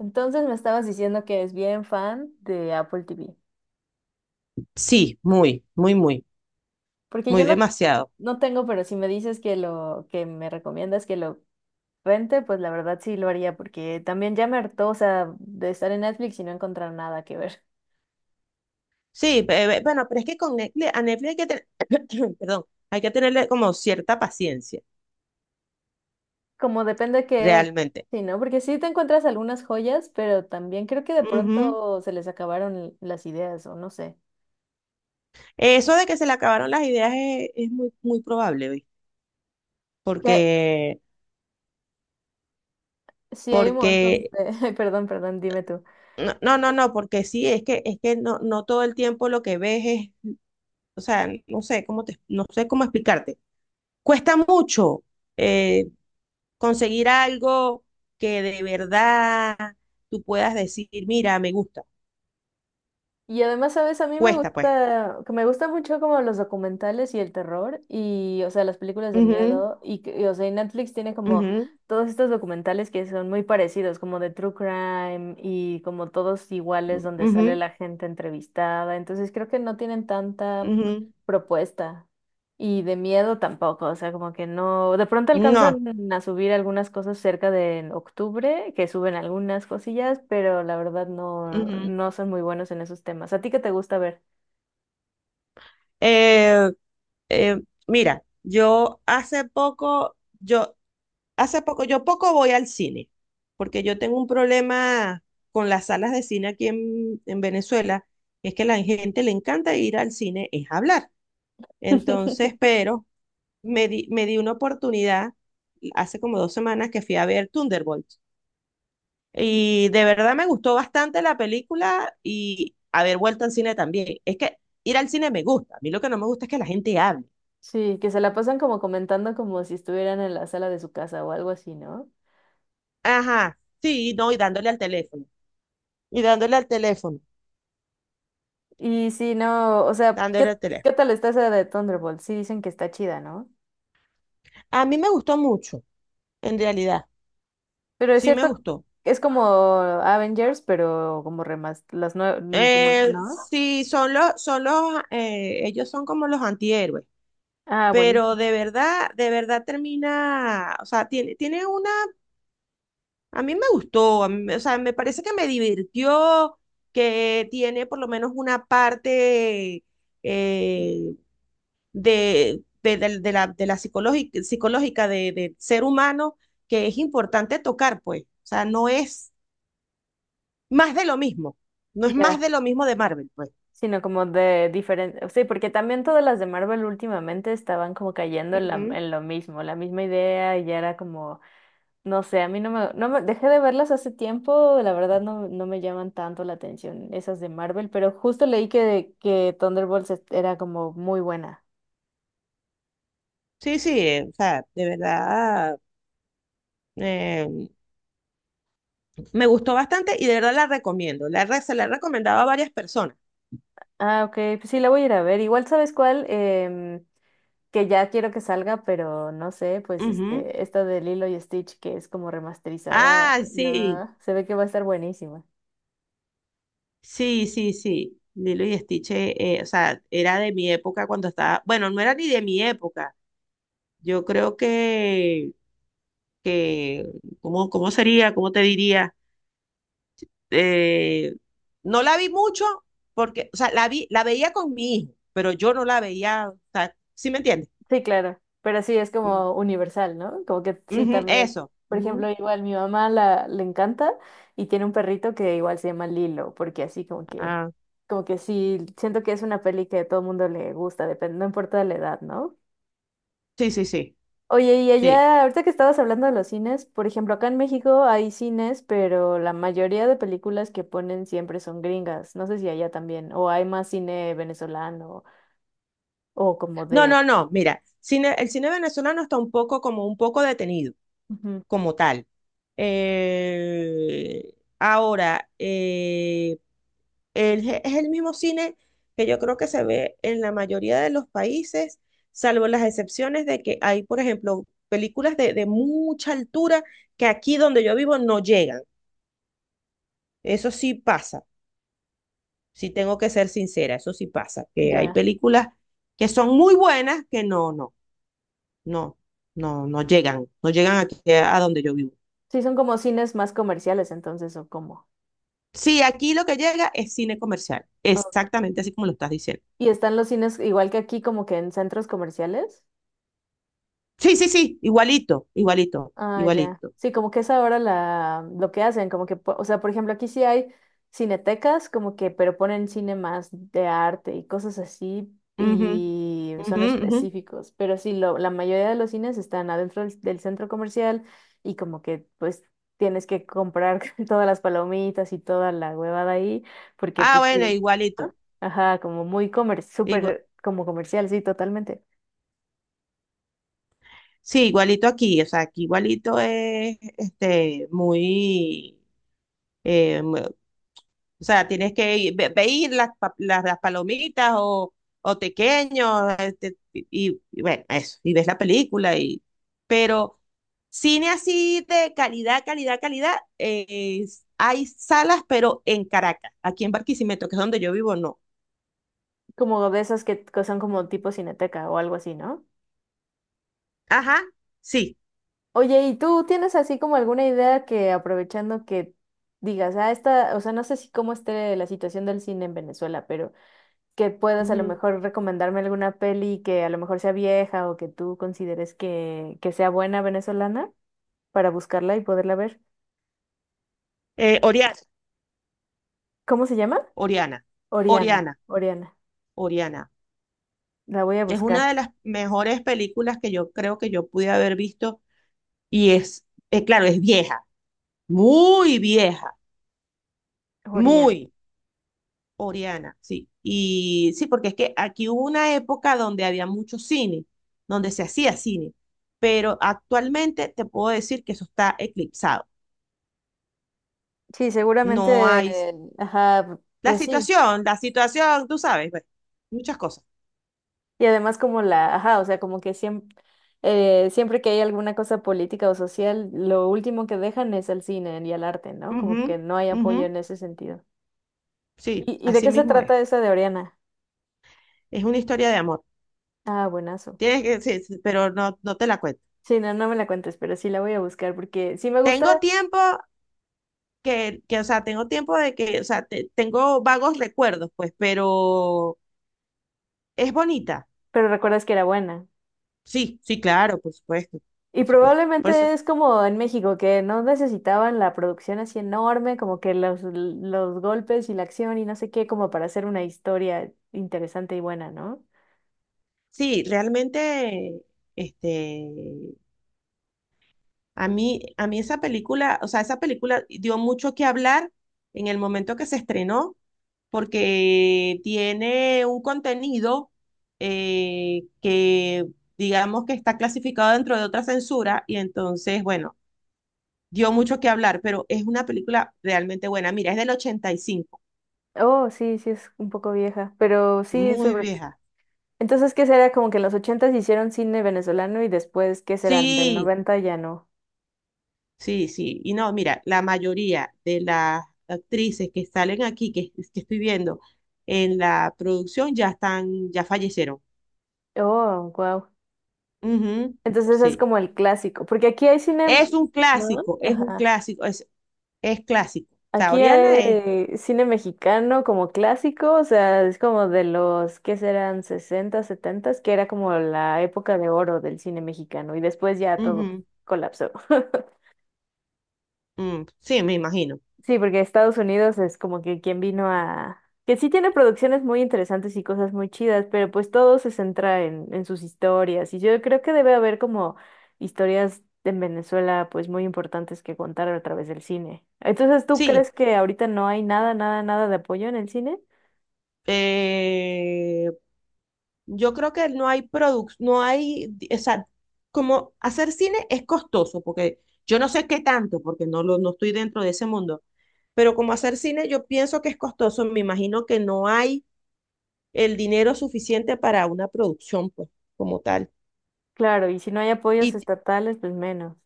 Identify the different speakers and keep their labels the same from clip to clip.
Speaker 1: Entonces me estabas diciendo que es bien fan de Apple TV.
Speaker 2: Sí, muy, muy, muy,
Speaker 1: Porque yo
Speaker 2: muy
Speaker 1: no,
Speaker 2: demasiado.
Speaker 1: no tengo, pero si me dices que lo que me recomiendas que lo rente, pues la verdad sí lo haría, porque también ya me hartó, o sea, de estar en Netflix y no encontrar nada que ver.
Speaker 2: Sí, bueno, pero es que con Netflix, a Netflix hay que tener, perdón, hay que tenerle como cierta paciencia,
Speaker 1: Como depende que,
Speaker 2: realmente.
Speaker 1: sí, ¿no? Porque sí te encuentras algunas joyas, pero también creo que de
Speaker 2: Ujú.
Speaker 1: pronto se les acabaron las ideas, o no sé.
Speaker 2: Eso de que se le acabaron las ideas es muy, muy probable, ¿oí?
Speaker 1: Que
Speaker 2: Porque,
Speaker 1: sí hay un montón
Speaker 2: porque,
Speaker 1: de, perdón, perdón, dime tú.
Speaker 2: no, no, no, no, porque sí, es que no, no todo el tiempo lo que ves es, o sea, no sé cómo explicarte. Cuesta mucho. eh, Conseguir algo que de verdad tú puedas decir, mira, me gusta,
Speaker 1: Y además, ¿sabes? A mí me
Speaker 2: cuesta pues.
Speaker 1: gusta, que me gusta mucho como los documentales y el terror y, o sea, las películas de
Speaker 2: Ujú,
Speaker 1: miedo y, o sea, y Netflix tiene como
Speaker 2: ujú,
Speaker 1: todos estos documentales que son muy parecidos, como de True Crime y como todos iguales donde sale
Speaker 2: ujú,
Speaker 1: la gente entrevistada. Entonces creo que no tienen tanta
Speaker 2: ujú.
Speaker 1: propuesta. Y de miedo tampoco, o sea, como que no, de pronto alcanzan
Speaker 2: No.
Speaker 1: a subir algunas cosas cerca de en octubre, que suben algunas cosillas, pero la verdad no,
Speaker 2: Ujú.
Speaker 1: no son muy buenos en esos temas. ¿A ti qué te gusta ver?
Speaker 2: Eh, eh, Mira, yo hace poco, yo poco voy al cine, porque yo tengo un problema con las salas de cine en Venezuela, es que la gente le encanta ir al cine, es hablar. Entonces, pero me di una oportunidad hace como dos semanas que fui a ver Thunderbolts. Y de verdad me gustó bastante la película y haber vuelto al cine también. Es que ir al cine me gusta. A mí lo que no me gusta es que la gente hable.
Speaker 1: Sí, que se la pasan como comentando como si estuvieran en la sala de su casa o algo así, ¿no?
Speaker 2: Ajá, sí, no, y dándole al teléfono. Y dándole al teléfono,
Speaker 1: Y sí, no, o sea, ¿qué,
Speaker 2: dándole al teléfono.
Speaker 1: qué tal está esa de Thunderbolt? Sí dicen que está chida, ¿no?
Speaker 2: A mí me gustó mucho, en realidad.
Speaker 1: Pero es
Speaker 2: Sí me
Speaker 1: cierto,
Speaker 2: gustó.
Speaker 1: es como Avengers, pero como como, ¿no?
Speaker 2: Sí, ellos son como los antihéroes.
Speaker 1: Ah,
Speaker 2: Pero
Speaker 1: buenísimo.
Speaker 2: de verdad termina, o sea, tiene una. A mí me gustó, a mí me- o sea, me parece que me divirtió, que tiene por lo menos una parte eh, de la psicológica, psicológica de ser humano que es importante tocar, pues. O sea, no es más de lo mismo, no es
Speaker 1: Ya,
Speaker 2: más de lo mismo de Marvel, pues.
Speaker 1: sino como de diferente, sí, porque también todas las de Marvel últimamente estaban como cayendo en,
Speaker 2: Ujú.
Speaker 1: en lo mismo, la misma idea y ya era como, no sé, a mí no me, dejé de verlas hace tiempo, la verdad no me llaman tanto la atención esas de Marvel, pero justo leí que era como muy buena.
Speaker 2: Sí, sí, o sea, de verdad eh, me gustó bastante y de verdad la recomiendo. Se la he recomendado a varias personas.
Speaker 1: Ah, ok, pues sí, la voy a ir a ver, igual sabes cuál. Que ya quiero que salga, pero no sé, pues
Speaker 2: Ujú.
Speaker 1: este, esta de Lilo y Stitch que es como remasterizada,
Speaker 2: Ah, sí.
Speaker 1: no, se ve que va a estar buenísima.
Speaker 2: Sí, sí, sí. Lilo y Stitch, o sea, era de mi época cuando estaba. Bueno, no era ni de mi época. Yo creo que, ¿cómo, cómo sería? ¿Cómo te diría? Eh, no la vi mucho porque, o sea, la veía con mi hijo, pero yo no la veía, o sea, ¿sí me entiendes?
Speaker 1: Sí, claro, pero sí es
Speaker 2: Mm,
Speaker 1: como universal, ¿no? Como que sí
Speaker 2: ujú,
Speaker 1: también,
Speaker 2: eso.
Speaker 1: por ejemplo,
Speaker 2: Ujú.
Speaker 1: igual mi mamá la le encanta y tiene un perrito que igual se llama Lilo, porque así
Speaker 2: Ah,
Speaker 1: como que sí siento que es una peli que a todo el mundo le gusta, depende, no importa la edad, ¿no?
Speaker 2: sí, sí, sí,
Speaker 1: Oye, y
Speaker 2: sí.
Speaker 1: allá, ahorita que estabas hablando de los cines, por ejemplo, acá en México hay cines, pero la mayoría de películas que ponen siempre son gringas. No sé si allá también, o hay más cine venezolano o como de.
Speaker 2: No, no, no. Mira, el cine venezolano está un poco como un poco detenido.
Speaker 1: Ujú.
Speaker 2: Como tal. Eh, ahora, eh, es el mismo cine que yo creo que se ve en la mayoría de los países, salvo las excepciones de que hay, por ejemplo, películas de mucha altura que aquí donde yo vivo no llegan. Eso sí pasa, sí tengo que ser sincera, eso sí pasa, que hay
Speaker 1: Ya.
Speaker 2: películas que son muy buenas que no, no llegan, no llegan aquí a donde yo vivo.
Speaker 1: Sí, son como cines más comerciales, entonces, ¿o cómo?
Speaker 2: Sí, aquí lo que llega es cine comercial,
Speaker 1: Ok.
Speaker 2: exactamente así como lo estás diciendo.
Speaker 1: Y están los cines igual que aquí, como que en centros comerciales.
Speaker 2: Sí, sí, sí, igualito, igualito,
Speaker 1: Ah, ya.
Speaker 2: igualito.
Speaker 1: Sí, como que es ahora la, lo que hacen, como que, o sea, por ejemplo, aquí sí hay cinetecas, como que, pero ponen cine más de arte y cosas así,
Speaker 2: Ujú,
Speaker 1: y son
Speaker 2: ujú, ujú.
Speaker 1: específicos, pero sí, lo, la mayoría de los cines están adentro del, del centro comercial y como que, pues, tienes que comprar todas las palomitas y toda la huevada ahí, porque,
Speaker 2: Ah,
Speaker 1: pues,
Speaker 2: bueno,
Speaker 1: sí.
Speaker 2: igualito.
Speaker 1: ¿No? Ajá, como muy comer,
Speaker 2: igua-
Speaker 1: súper, como comercial, sí, totalmente.
Speaker 2: sí, igualito aquí, o sea, aquí igualito es este, muy, eh, o sea, tienes que ir, ve, ve ir las palomitas o tequeños, este, y bueno, eso, y ves la película, y, pero cine así de calidad, calidad, calidad, hay salas, pero en Caracas, aquí en Barquisimeto, que es donde yo vivo, no.
Speaker 1: Como de esas que son como tipo cineteca o algo así, ¿no?
Speaker 2: Ajá, sí.
Speaker 1: Oye, ¿y tú tienes así como alguna idea que aprovechando que digas, ah, esta, o sea, no sé si cómo esté la situación del cine en Venezuela, pero que puedas a lo
Speaker 2: Ujú.
Speaker 1: mejor recomendarme alguna peli que a lo mejor sea vieja o que tú consideres que sea buena venezolana para buscarla y poderla ver?
Speaker 2: Oriana,
Speaker 1: ¿Cómo se llama?
Speaker 2: Oriana,
Speaker 1: Oriana,
Speaker 2: Oriana,
Speaker 1: Oriana.
Speaker 2: Oriana.
Speaker 1: La voy a
Speaker 2: Es una
Speaker 1: buscar.
Speaker 2: de las mejores películas que yo creo que yo pude haber visto y es, claro, es vieja, muy vieja,
Speaker 1: Oriana.
Speaker 2: muy Oriana, sí. Y sí, porque es que aquí hubo una época donde había mucho cine, donde se hacía cine, pero actualmente te puedo decir que eso está eclipsado.
Speaker 1: Sí,
Speaker 2: No
Speaker 1: seguramente,
Speaker 2: hay
Speaker 1: ajá, pues sí.
Speaker 2: la situación, tú sabes, bueno, muchas cosas.
Speaker 1: Y además como la, ajá, o sea, como que siempre, siempre que hay alguna cosa política o social, lo último que dejan es al cine y al arte, ¿no? Como
Speaker 2: Ujú,
Speaker 1: que no hay
Speaker 2: ujú,
Speaker 1: apoyo en ese sentido.
Speaker 2: sí,
Speaker 1: Y de
Speaker 2: así
Speaker 1: qué se
Speaker 2: mismo es.
Speaker 1: trata esa de Oriana?
Speaker 2: Es una historia de amor.
Speaker 1: Ah, buenazo.
Speaker 2: Tienes que, sí, sí, pero no, no te la cuento.
Speaker 1: Sí, no, no me la cuentes, pero sí la voy a buscar porque sí me gusta,
Speaker 2: Tengo tiempo Tengo tiempo de que, o sea, tengo vagos recuerdos, pues, pero es bonita.
Speaker 1: pero recuerdas que era buena.
Speaker 2: Sí, sí, claro, por supuesto,
Speaker 1: Y
Speaker 2: por supuesto. Por eso,
Speaker 1: probablemente es como en México, que no necesitaban la producción así enorme, como que los golpes y la acción y no sé qué, como para hacer una historia interesante y buena, ¿no?
Speaker 2: sí, realmente, este, a mí esa película, o sea, esa película dio mucho que hablar en el momento que se estrenó, porque tiene un contenido eh, que, digamos que está clasificado dentro de otra censura, y entonces, bueno, dio mucho que hablar, pero es una película realmente buena. Mira, es del 85,
Speaker 1: Oh, sí, sí es un poco vieja, pero sí,
Speaker 2: muy
Speaker 1: sobre...
Speaker 2: vieja.
Speaker 1: Entonces, ¿qué será? Como que en los ochentas hicieron cine venezolano y después, ¿qué serán? Del
Speaker 2: Sí,
Speaker 1: noventa ya no.
Speaker 2: sí, sí. Y no, mira, la mayoría de las actrices que salen aquí, que estoy viendo en la producción, ya están, ya fallecieron.
Speaker 1: Oh, wow.
Speaker 2: Ujú,
Speaker 1: Entonces es
Speaker 2: sí.
Speaker 1: como el clásico, porque aquí hay cine,
Speaker 2: Es un
Speaker 1: ¿no?
Speaker 2: clásico, es un
Speaker 1: Ajá.
Speaker 2: clásico, es clásico. O sea,
Speaker 1: Aquí
Speaker 2: Oriana es.
Speaker 1: hay cine mexicano como clásico, o sea, es como de los, ¿qué serán? 60, 70, que era como la época de oro del cine mexicano y después ya todo
Speaker 2: Ujú,
Speaker 1: colapsó.
Speaker 2: mm, sí, me imagino.
Speaker 1: Sí, porque Estados Unidos es como que quien vino a... que sí tiene producciones muy interesantes y cosas muy chidas, pero pues todo se centra en sus historias. Y yo creo que debe haber como historias en Venezuela pues muy importantes que contar a través del cine. Entonces, ¿tú
Speaker 2: Sí.
Speaker 1: crees que ahorita no hay nada de apoyo en el cine?
Speaker 2: eh, Yo creo que no hay productos, no hay, o sea, como hacer cine es costoso, porque yo no sé qué tanto, porque no estoy dentro de ese mundo, pero como hacer cine yo pienso que es costoso, me imagino que no hay el dinero suficiente para una producción, pues, como tal.
Speaker 1: Claro, y si no hay apoyos
Speaker 2: Y t-
Speaker 1: estatales, pues menos.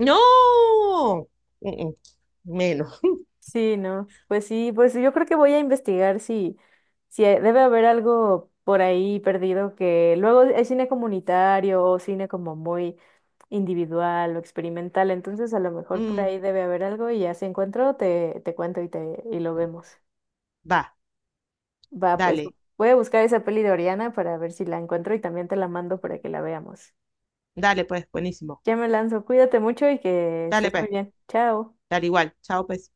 Speaker 2: no, mm, mm, menos.
Speaker 1: Sí, no. Pues sí, pues yo creo que voy a investigar si, si hay- debe haber algo por ahí perdido que luego hay cine comunitario o cine como muy individual o experimental, entonces a lo mejor por
Speaker 2: Mm,
Speaker 1: ahí debe haber algo y ya si encuentro te, te cuento y te y lo vemos.
Speaker 2: va,
Speaker 1: Va, pues
Speaker 2: dale,
Speaker 1: voy a buscar esa peli de Oriana para ver si la encuentro y también te la mando para que la veamos.
Speaker 2: dale pues, buenísimo.
Speaker 1: Ya me lanzo, cuídate mucho y que
Speaker 2: Dale
Speaker 1: estés muy
Speaker 2: pues,
Speaker 1: bien. Chao.
Speaker 2: dale igual, chao pues.